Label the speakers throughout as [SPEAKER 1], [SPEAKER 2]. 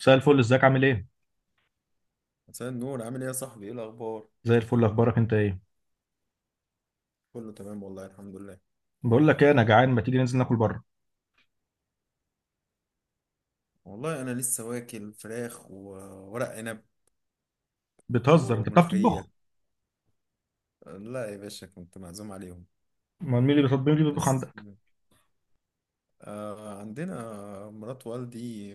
[SPEAKER 1] مساء الفل، ازيك عامل ايه؟
[SPEAKER 2] مساء النور، عامل ايه يا صاحبي؟ ايه الاخبار؟
[SPEAKER 1] زي الفل، اخبارك انت ايه؟
[SPEAKER 2] كله تمام والله، الحمد لله.
[SPEAKER 1] بقول لك ايه، انا جعان، ما تيجي ننزل ناكل بره.
[SPEAKER 2] والله انا لسه واكل فراخ وورق عنب
[SPEAKER 1] بتهزر، انت بتعرف
[SPEAKER 2] وملوخيه.
[SPEAKER 1] تطبخ؟
[SPEAKER 2] لا يا باشا، كنت معزوم عليهم.
[SPEAKER 1] ما مين اللي بيطبخ
[SPEAKER 2] بس
[SPEAKER 1] عندك؟
[SPEAKER 2] آه عندنا مرات والدي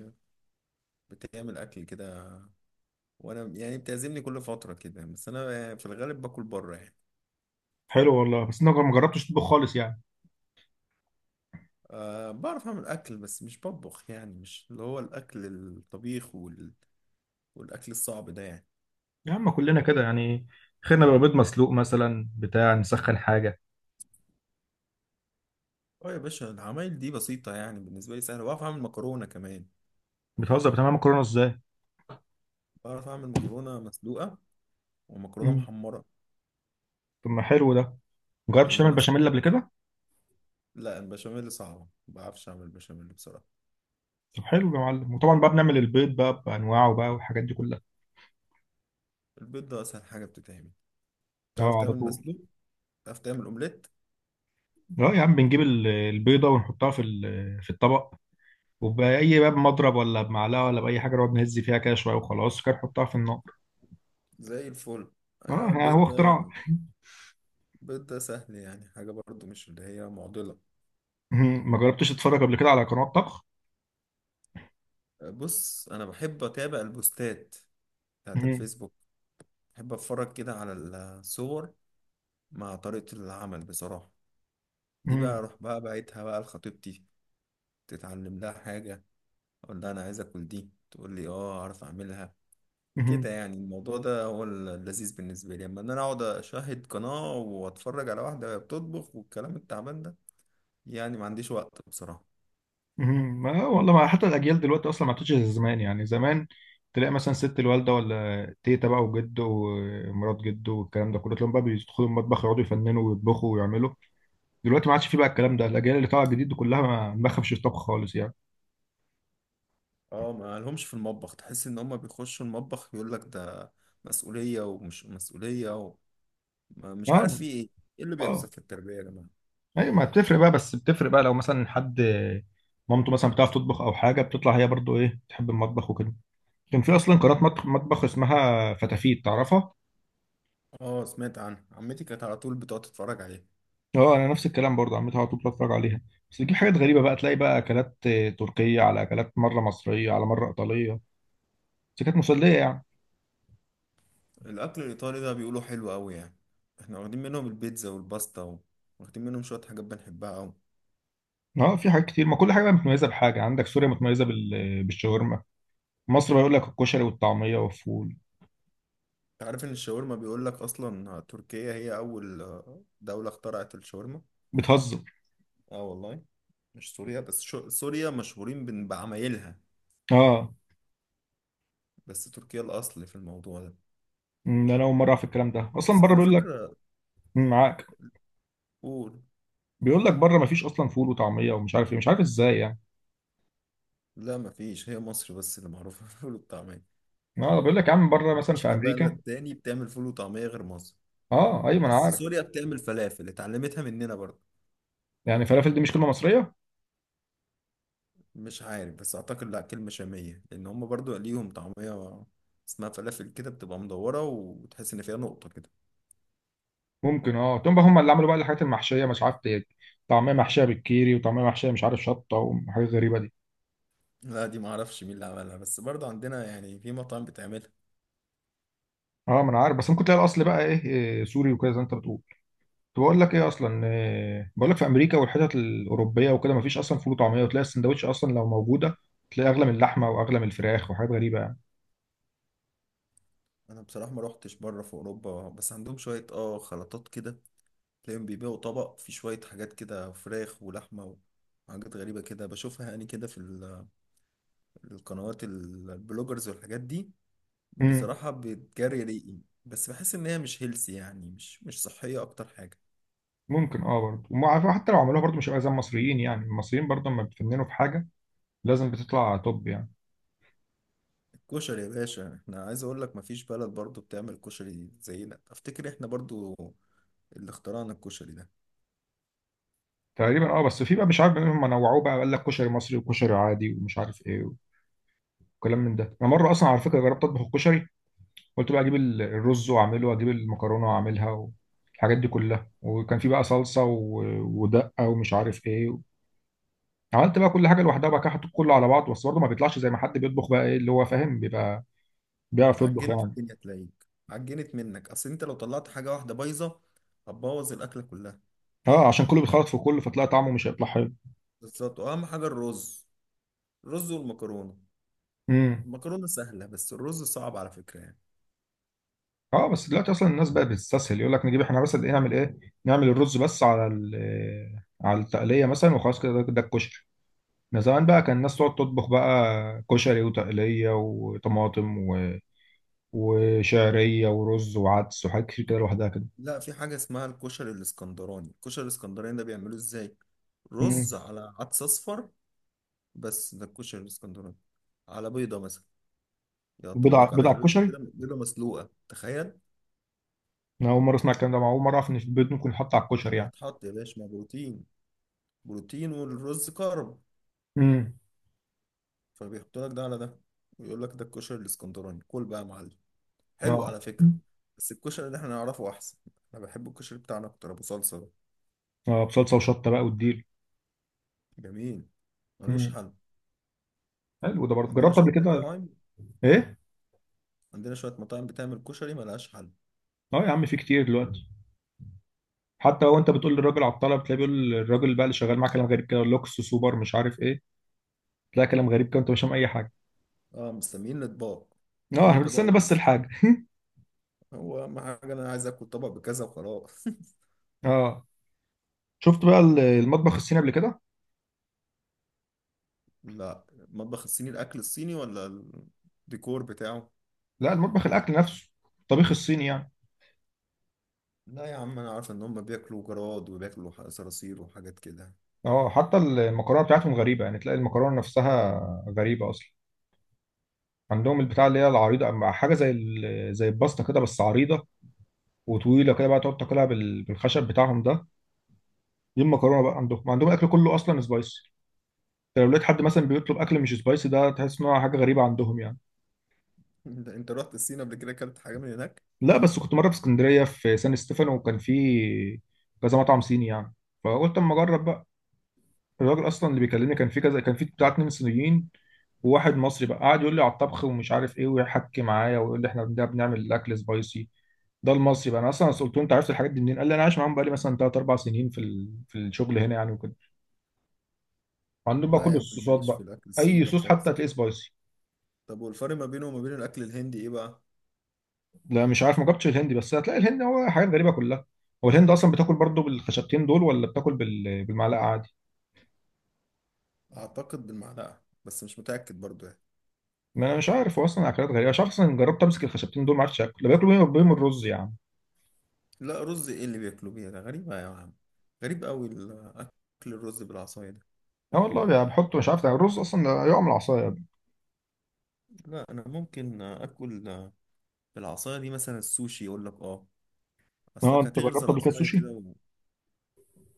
[SPEAKER 2] بتعمل اكل كده، وانا يعني بتعزمني كل فتره كده، بس انا في الغالب باكل بره يعني.
[SPEAKER 1] حلو والله، بس انا ما جربتش تطبخ خالص يعني.
[SPEAKER 2] بعرف اعمل اكل بس مش بطبخ، يعني مش اللي هو الاكل الطبيخ والاكل الصعب ده يعني.
[SPEAKER 1] يا عم كلنا كده يعني، خيرنا بقى بيض مسلوق مثلا، بتاع نسخن حاجه.
[SPEAKER 2] اه يا باشا، العمايل دي بسيطه يعني، بالنسبه لي سهله. بعرف اعمل مكرونه كمان.
[SPEAKER 1] بتهزر، بتعمل مكرونه ازاي؟
[SPEAKER 2] بعرف أعمل مكرونة مسلوقة ومكرونة
[SPEAKER 1] مم.
[SPEAKER 2] محمرة.
[SPEAKER 1] طب ما حلو ده. ما جربتش تعمل بشاميل
[SPEAKER 2] المسلوق؟
[SPEAKER 1] قبل كده؟
[SPEAKER 2] لا البشاميل صعبة، مبعرفش أعمل بشاميل بصراحة.
[SPEAKER 1] طب حلو يا معلم، وطبعا بقى بنعمل البيض بقى بانواعه بقى والحاجات دي كلها.
[SPEAKER 2] البيض ده أسهل حاجة بتتعمل. تعرف
[SPEAKER 1] اه على
[SPEAKER 2] تعمل
[SPEAKER 1] طول.
[SPEAKER 2] مسلوق، تعرف تعمل أومليت؟
[SPEAKER 1] اه يا عم، بنجيب البيضه ونحطها في الطبق، وبأي باب مضرب ولا بمعلقة ولا بأي حاجة، نقعد نهز فيها كده شوية وخلاص كده نحطها في النار.
[SPEAKER 2] زي الفل.
[SPEAKER 1] اه
[SPEAKER 2] أيوة
[SPEAKER 1] ها، هو
[SPEAKER 2] البيض ده،
[SPEAKER 1] اختراع.
[SPEAKER 2] البيض ده سهل يعني، حاجة برضو مش اللي هي معضلة.
[SPEAKER 1] مهم. ما جربتش اتفرج قبل كده على قنوات طبخ؟
[SPEAKER 2] بص أنا بحب أتابع البوستات بتاعت
[SPEAKER 1] مهم.
[SPEAKER 2] الفيسبوك. بحب أتفرج كده على الصور مع طريقة العمل بصراحة. دي بقى
[SPEAKER 1] مهم.
[SPEAKER 2] أروح بقى بعتها بقى لخطيبتي، تتعلم لها حاجة، اقول لها انا عايز اكل دي، تقول لي اه اعرف اعملها.
[SPEAKER 1] مهم.
[SPEAKER 2] كده يعني الموضوع ده هو اللذيذ بالنسبه لي، اما ان انا اقعد اشاهد قناه واتفرج على واحده وهي بتطبخ والكلام التعبان ده، يعني ما عنديش وقت بصراحه.
[SPEAKER 1] مهم. ما والله ما حتى الأجيال دلوقتي أصلا ما عادتش زي زمان، يعني زمان تلاقي مثلا ست الوالدة ولا تيتا بقى وجد ومرات جد والكلام ده كله، تلاقيهم بقى بيدخلوا المطبخ يقعدوا يفننوا ويطبخوا ويعملوا. دلوقتي ما عادش فيه بقى الكلام ده، الأجيال اللي طالعة جديد كلها ما بخافش الطبخ خالص يعني.
[SPEAKER 2] اه ما لهمش في المطبخ، تحس ان هم بيخشوا المطبخ، يقول لك ده مسؤوليه ومش مسؤوليه و... ما- مش عارف
[SPEAKER 1] اه.
[SPEAKER 2] في ايه. ايه اللي بيحصل
[SPEAKER 1] اه.
[SPEAKER 2] في التربيه يا جماعه؟
[SPEAKER 1] ايوه، ما بتفرق بقى، بس بتفرق بقى لو مثلا حد مامته مثلا بتعرف تطبخ او حاجه، بتطلع هي برضو ايه تحب المطبخ وكده. كان في اصلا قناه مطبخ اسمها فتافيت، تعرفها؟
[SPEAKER 2] اه سمعت عنها، عمتي كانت على طول بتقعد تتفرج عليها.
[SPEAKER 1] اه انا نفس الكلام، برضو عمتها على طول بتفرج عليها. بس بتجيب حاجات غريبه بقى، تلاقي بقى اكلات تركيه، على اكلات مره مصريه، على مره ايطاليه. بس كانت مسليه يعني.
[SPEAKER 2] الأكل الإيطالي ده بيقولوا حلو أوي يعني. احنا واخدين منهم البيتزا والباستا واخدين منهم شوية حاجات بنحبها أوي.
[SPEAKER 1] اه في حاجات كتير، ما كل حاجه بقى متميزه بحاجه، عندك سوريا متميزه بالشاورما، مصر بيقول لك الكشري والطعميه والفول.
[SPEAKER 2] انت عارف إن الشاورما بيقول لك أصلا تركيا هي أول دولة اخترعت الشاورما؟
[SPEAKER 1] بتهزر.
[SPEAKER 2] اه والله. مش سوريا بس، سوريا مشهورين بعمايلها،
[SPEAKER 1] اه.
[SPEAKER 2] بس تركيا الأصل في الموضوع ده.
[SPEAKER 1] انا اول مره اعرف الكلام ده، اصلا
[SPEAKER 2] بس
[SPEAKER 1] بره
[SPEAKER 2] على
[SPEAKER 1] بيقول لك.
[SPEAKER 2] فكرة.
[SPEAKER 1] معاك.
[SPEAKER 2] قول.
[SPEAKER 1] بيقول لك بره مفيش اصلا فول وطعميه ومش عارف ايه، مش عارف ازاي يعني.
[SPEAKER 2] لا مفيش، هي مصر بس اللي معروفة بالفول والطعمية.
[SPEAKER 1] اه بيقول لك يا عم، بره مثلا في
[SPEAKER 2] مفيش بلد
[SPEAKER 1] امريكا.
[SPEAKER 2] تاني بتعمل فول وطعمية غير مصر.
[SPEAKER 1] اه ايوه، ما انا
[SPEAKER 2] بس
[SPEAKER 1] عارف.
[SPEAKER 2] سوريا بتعمل فلافل، اتعلمتها مننا برضه.
[SPEAKER 1] يعني فلافل دي مش كلمه مصريه؟
[SPEAKER 2] مش عارف، بس اعتقد لا، كلمة شامية، لان هم برضو ليهم طعمية اسمها فلافل، كده بتبقى مدورة وتحس ان فيها نقطة كده.
[SPEAKER 1] ممكن اه، تقوم بقى هم اللي عملوا بقى الحاجات المحشيه مش عارف إيه. طعميه محشيه بالكيري، وطعميه محشيه مش عارف شطه، وحاجات غريبه دي.
[SPEAKER 2] لا دي معرفش مين اللي عملها، بس برضو عندنا يعني في مطاعم بتعملها.
[SPEAKER 1] اه ما انا عارف، بس ممكن تلاقي الاصل بقى إيه، سوري وكده زي ما انت بتقول. كنت بقول لك ايه اصلا، إيه بقول لك، في امريكا والحتت الاوروبيه وكده مفيش اصلا فول وطعميه، وتلاقي السندوتش اصلا لو موجوده، تلاقي اغلى من اللحمه واغلى من الفراخ وحاجات غريبه يعني.
[SPEAKER 2] انا بصراحة ما روحتش بره في اوروبا، بس عندهم شوية اه خلطات كده. تلاقيهم بيبيعوا طبق فيه شوية حاجات كده، فراخ ولحمة وحاجات غريبة كده، بشوفها يعني كده في القنوات البلوجرز والحاجات دي.
[SPEAKER 1] امم.
[SPEAKER 2] بصراحة بتجري ريقي، بس بحس ان هي مش هيلسي يعني، مش صحية اكتر حاجة.
[SPEAKER 1] ممكن اه برضه، حتى لو عملوها برضه مش هيبقى زي المصريين، يعني المصريين برضه لما بتفننوا في حاجه لازم بتطلع توب يعني.
[SPEAKER 2] كشري يا باشا، احنا عايز اقول لك مفيش بلد برضو بتعمل كشري زينا، افتكر احنا برضو اللي اخترعنا الكشري ده.
[SPEAKER 1] تقريبا اه، بس في بقى مش عارف هم نوعوه بقى، قال لك كشري مصري وكشري عادي ومش عارف ايه وكلام من ده. انا مره اصلا على فكره جربت اطبخ الكشري، قلت بقى اجيب الرز واعمله، واجيب المكرونه واعملها، والحاجات دي كلها، وكان في بقى صلصه ودقه ومش عارف ايه. عملت بقى كل حاجه لوحدها بقى كده، حطيت كله على بعض، بس برضه ما بيطلعش زي ما حد بيطبخ بقى، ايه اللي هو فاهم، بيبقى بيعرف يطبخ
[SPEAKER 2] عجنت
[SPEAKER 1] يعني.
[SPEAKER 2] الدنيا، تلاقيك عجنت منك، اصل انت لو طلعت حاجة واحدة بايظة هتبوظ الاكلة كلها.
[SPEAKER 1] اه، عشان كله بيتخلط في كله، فتلاقي طعمه مش هيطلع حلو.
[SPEAKER 2] بالظبط، واهم حاجة الرز، الرز والمكرونة.
[SPEAKER 1] امم.
[SPEAKER 2] المكرونة سهلة بس الرز صعب على فكرة يعني.
[SPEAKER 1] اه بس دلوقتي اصلا الناس بقت بتستسهل، يقول لك نجيب احنا بس قد ايه، نعمل ايه، نعمل الرز بس على على التقليه مثلا وخلاص كده، ده الكشري. من زمان بقى كان الناس تقعد تطبخ بقى كشري وتقليه وطماطم وشعريه ورز وعدس وحاجات كتير كده لوحدها كده.
[SPEAKER 2] لا في حاجة اسمها الكشري الاسكندراني. الكشري الاسكندراني ده بيعملوه ازاي؟ رز
[SPEAKER 1] امم.
[SPEAKER 2] على عدس اصفر، بس ده الكشري الاسكندراني، على بيضة مثلا،
[SPEAKER 1] بيض على
[SPEAKER 2] يقطعولك
[SPEAKER 1] بيض
[SPEAKER 2] عليها
[SPEAKER 1] على
[SPEAKER 2] بيضة
[SPEAKER 1] الكشري؟
[SPEAKER 2] كده، بيضة مسلوقة، تخيل.
[SPEAKER 1] انا اول مره اسمع الكلام ده، أنا اول مره اعرف ان في البيض ممكن يتحط على الكشري يعني.
[SPEAKER 2] بتتحط يا باشا مع بروتين، بروتين، والرز كارب.
[SPEAKER 1] امم.
[SPEAKER 2] فبيحطوا لك ده على ده، ويقول لك ده الكشري الاسكندراني، كل بقى يا معلم. حلو
[SPEAKER 1] اه.
[SPEAKER 2] على فكرة، بس الكشري اللي احنا نعرفه أحسن. أنا بحب الكشري بتاعنا أكتر، أبو صلصة ده.
[SPEAKER 1] اه بصلصه وشطه بقى والديل.
[SPEAKER 2] جميل، ملوش
[SPEAKER 1] امم.
[SPEAKER 2] حل.
[SPEAKER 1] حلو ده، برضه
[SPEAKER 2] عندنا
[SPEAKER 1] جربت
[SPEAKER 2] شوية
[SPEAKER 1] قبل كده.
[SPEAKER 2] مطاعم.
[SPEAKER 1] ايه.
[SPEAKER 2] عندنا شوية مطاعم بتعمل كشري ملهاش حل.
[SPEAKER 1] اه يا عم في كتير دلوقتي، حتى لو انت بتقول للراجل عطله، بتلاقي بيقول الراجل بقى اللي شغال معاه كلام غريب كده، لوكس سوبر مش عارف ايه، تلاقي كلام غريب كده وانت مش فاهم اي حاجه.
[SPEAKER 2] اه مسميين الأطباق،
[SPEAKER 1] اه
[SPEAKER 2] كل
[SPEAKER 1] احنا
[SPEAKER 2] طبق
[SPEAKER 1] بنستنى
[SPEAKER 2] وليه
[SPEAKER 1] بس
[SPEAKER 2] اسم.
[SPEAKER 1] الحاجه.
[SPEAKER 2] هو أهم حاجة أنا عايز آكل طبق بكذا وخلاص.
[SPEAKER 1] اه. شفت بقى المطبخ الصيني قبل كده؟
[SPEAKER 2] لا. المطبخ الصيني الاكل الصيني ولا الديكور بتاعه؟
[SPEAKER 1] لا المطبخ، الاكل نفسه، الطبيخ الصيني يعني.
[SPEAKER 2] لا يا عم، انا عارف ان هم بياكلوا جراد وبياكلوا صراصير وحاجات كده.
[SPEAKER 1] اه حتى المكرونه بتاعتهم غريبه يعني، تلاقي المكرونه نفسها غريبه اصلا، عندهم البتاع اللي هي العريضه مع حاجه زي الباستا كده بس عريضه وطويله كده بقى، تقعد تاكلها بالخشب بتاعهم ده. دي المكرونه بقى عندهم الاكل كله اصلا سبايسي، لو لقيت حد مثلا بيطلب اكل مش سبايسي ده، تحس ان هو حاجه غريبه عندهم يعني.
[SPEAKER 2] أنت رحت الصين قبل كده، اكلت حاجه من هناك؟
[SPEAKER 1] لا بس كنت مره في اسكندريه في سان ستيفانو، وكان في كذا مطعم صيني يعني، فقلت اما اجرب بقى. الراجل اصلا اللي بيكلمني، كان في كذا، كان في بتاع اتنين صينيين وواحد مصري بقى، قعد يقول لي على الطبخ ومش عارف ايه ويحكي معايا، ويقول لي احنا ده بنعمل الاكل سبايسي، ده المصري بقى. انا اصلا قلت له، انت عرفت الحاجات دي منين؟ قال لي انا عايش معاهم بقى لي مثلا ثلاث اربع سنين في الشغل هنا يعني وكده، وعندهم بقى
[SPEAKER 2] لا
[SPEAKER 1] كل
[SPEAKER 2] يا عم، أنا
[SPEAKER 1] الصوصات
[SPEAKER 2] ماليش
[SPEAKER 1] بقى،
[SPEAKER 2] في الاكل الصيني
[SPEAKER 1] اي
[SPEAKER 2] ده
[SPEAKER 1] صوص حتى
[SPEAKER 2] خالص.
[SPEAKER 1] هتلاقيه سبايسي.
[SPEAKER 2] طب والفرق ما بينه وما بين الاكل الهندي ايه بقى؟
[SPEAKER 1] لا مش عارف، ما جبتش الهندي، بس هتلاقي الهند هو حاجات غريبة كلها. هو الهند أصلا بتاكل برضو بالخشبتين دول ولا بتاكل بالمعلقة عادي؟
[SPEAKER 2] اعتقد بالمعلقه، بس مش متاكد برضو يعني.
[SPEAKER 1] ما أنا مش عارف، هو أصلا أكلات غريبة، مش عارف أصلا، جربت أمسك الخشبتين دول ما عرفتش آكل، ده بياكلوا بيهم الرز يعني.
[SPEAKER 2] لا رز ايه اللي بياكلوا بيه ده، غريبه يا عم، غريب قوي الاكل، الرز بالعصايه ده.
[SPEAKER 1] اه والله، يعني بحطه مش عارف، ده الرز أصلا ده يقع من العصاية.
[SPEAKER 2] لا انا ممكن اكل بالعصايه دي مثلا السوشي، يقول لك اه
[SPEAKER 1] اه
[SPEAKER 2] اصلك
[SPEAKER 1] أنت
[SPEAKER 2] هتغرز
[SPEAKER 1] جربت قبل كده
[SPEAKER 2] العصايه
[SPEAKER 1] السوشي؟
[SPEAKER 2] كده.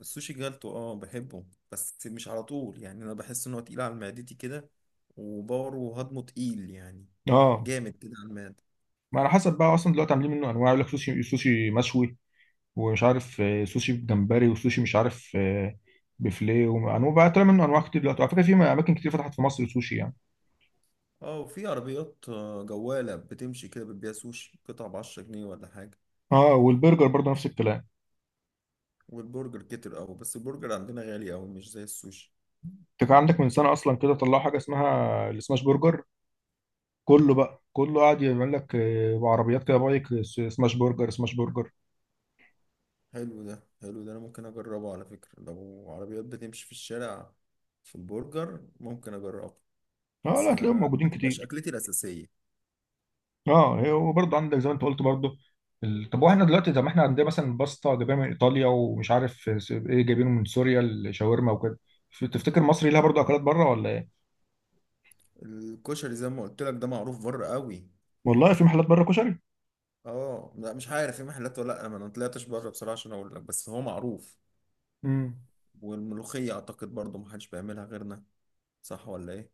[SPEAKER 2] السوشي جالتو اه، بحبه، بس مش على طول يعني، انا بحس ان هو تقيل على معدتي كده، وباور وهضمه تقيل يعني،
[SPEAKER 1] اه
[SPEAKER 2] جامد كده على المعدة.
[SPEAKER 1] ما على حسب بقى، أصلا دلوقتي عاملين منه أنواع، يقول لك سوشي، سوشي مشوي، ومش عارف سوشي بجمبري، وسوشي مش عارف بفليه، وأنواع بقى، طلع منه أنواع كتير دلوقتي على فكرة، في أماكن كتير فتحت في مصر سوشي يعني.
[SPEAKER 2] اه وفي عربيات جوالة بتمشي كده، بتبيع سوشي قطع بـ10 جنيه ولا حاجة.
[SPEAKER 1] اه والبرجر برضه نفس الكلام.
[SPEAKER 2] والبرجر كتر اوي، بس البرجر عندنا غالي اوي مش زي السوشي.
[SPEAKER 1] انت كان عندك من سنه اصلا كده طلعوا حاجه اسمها السماش برجر، كله بقى، كله قاعد يعمل لك بعربيات كده بايك، سماش برجر.
[SPEAKER 2] حلو ده، حلو ده، انا ممكن اجربه على فكرة. لو عربيات بتمشي في الشارع في البرجر ممكن اجربه،
[SPEAKER 1] اه
[SPEAKER 2] بس
[SPEAKER 1] لا هتلاقيهم
[SPEAKER 2] ما
[SPEAKER 1] موجودين
[SPEAKER 2] تبقاش
[SPEAKER 1] كتير.
[SPEAKER 2] اكلتي الاساسية.
[SPEAKER 1] اه وبرضه عندك زي ما انت قلت برضه طب واحنا دلوقتي، طب ما احنا عندنا مثلا باستا جايبينها من ايطاليا، ومش عارف ايه جايبينه من سوريا الشاورما وكده، تفتكر مصر لها برضه اكلات بره ولا ايه؟
[SPEAKER 2] الكشري زي ما قلت لك ده معروف بره قوي.
[SPEAKER 1] والله في محلات بره كشري؟
[SPEAKER 2] اه لا مش عارف في محلات ولا لا، انا ما طلعتش بره بصراحه عشان اقول لك، بس هو معروف.
[SPEAKER 1] امم.
[SPEAKER 2] والملوخيه اعتقد برضو ما حدش بيعملها غيرنا، صح ولا ايه؟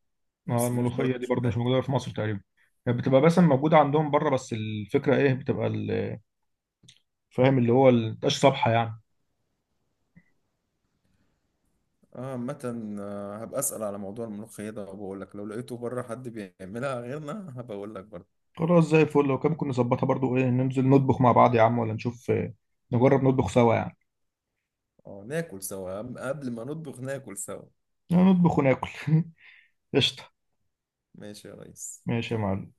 [SPEAKER 1] اه
[SPEAKER 2] بس دي مش برضو
[SPEAKER 1] الملوخيه دي
[SPEAKER 2] مش
[SPEAKER 1] برضه مش
[SPEAKER 2] متاكد.
[SPEAKER 1] موجوده في مصر تقريبا، يعني بتبقى مثلا موجوده عندهم بره، بس الفكره ايه، بتبقى فاهم اللي هو مبتبقاش صبحه يعني.
[SPEAKER 2] اه عامه، هبقى اسال على موضوع الملوخيه ده وبقول لك، لو لقيته بره حد بيعملها غيرنا هبقى اقول لك برضو.
[SPEAKER 1] خلاص زي الفل، لو كان ممكن نظبطها برضو ايه، ننزل نطبخ مع بعض يا عم، ولا نشوف نجرب نطبخ سوا يعني،
[SPEAKER 2] اه ناكل سوا، قبل ما نطبخ ناكل سوا.
[SPEAKER 1] نطبخ وناكل. قشطة.
[SPEAKER 2] ماشي يا ريس.
[SPEAKER 1] ماشي يا معلم.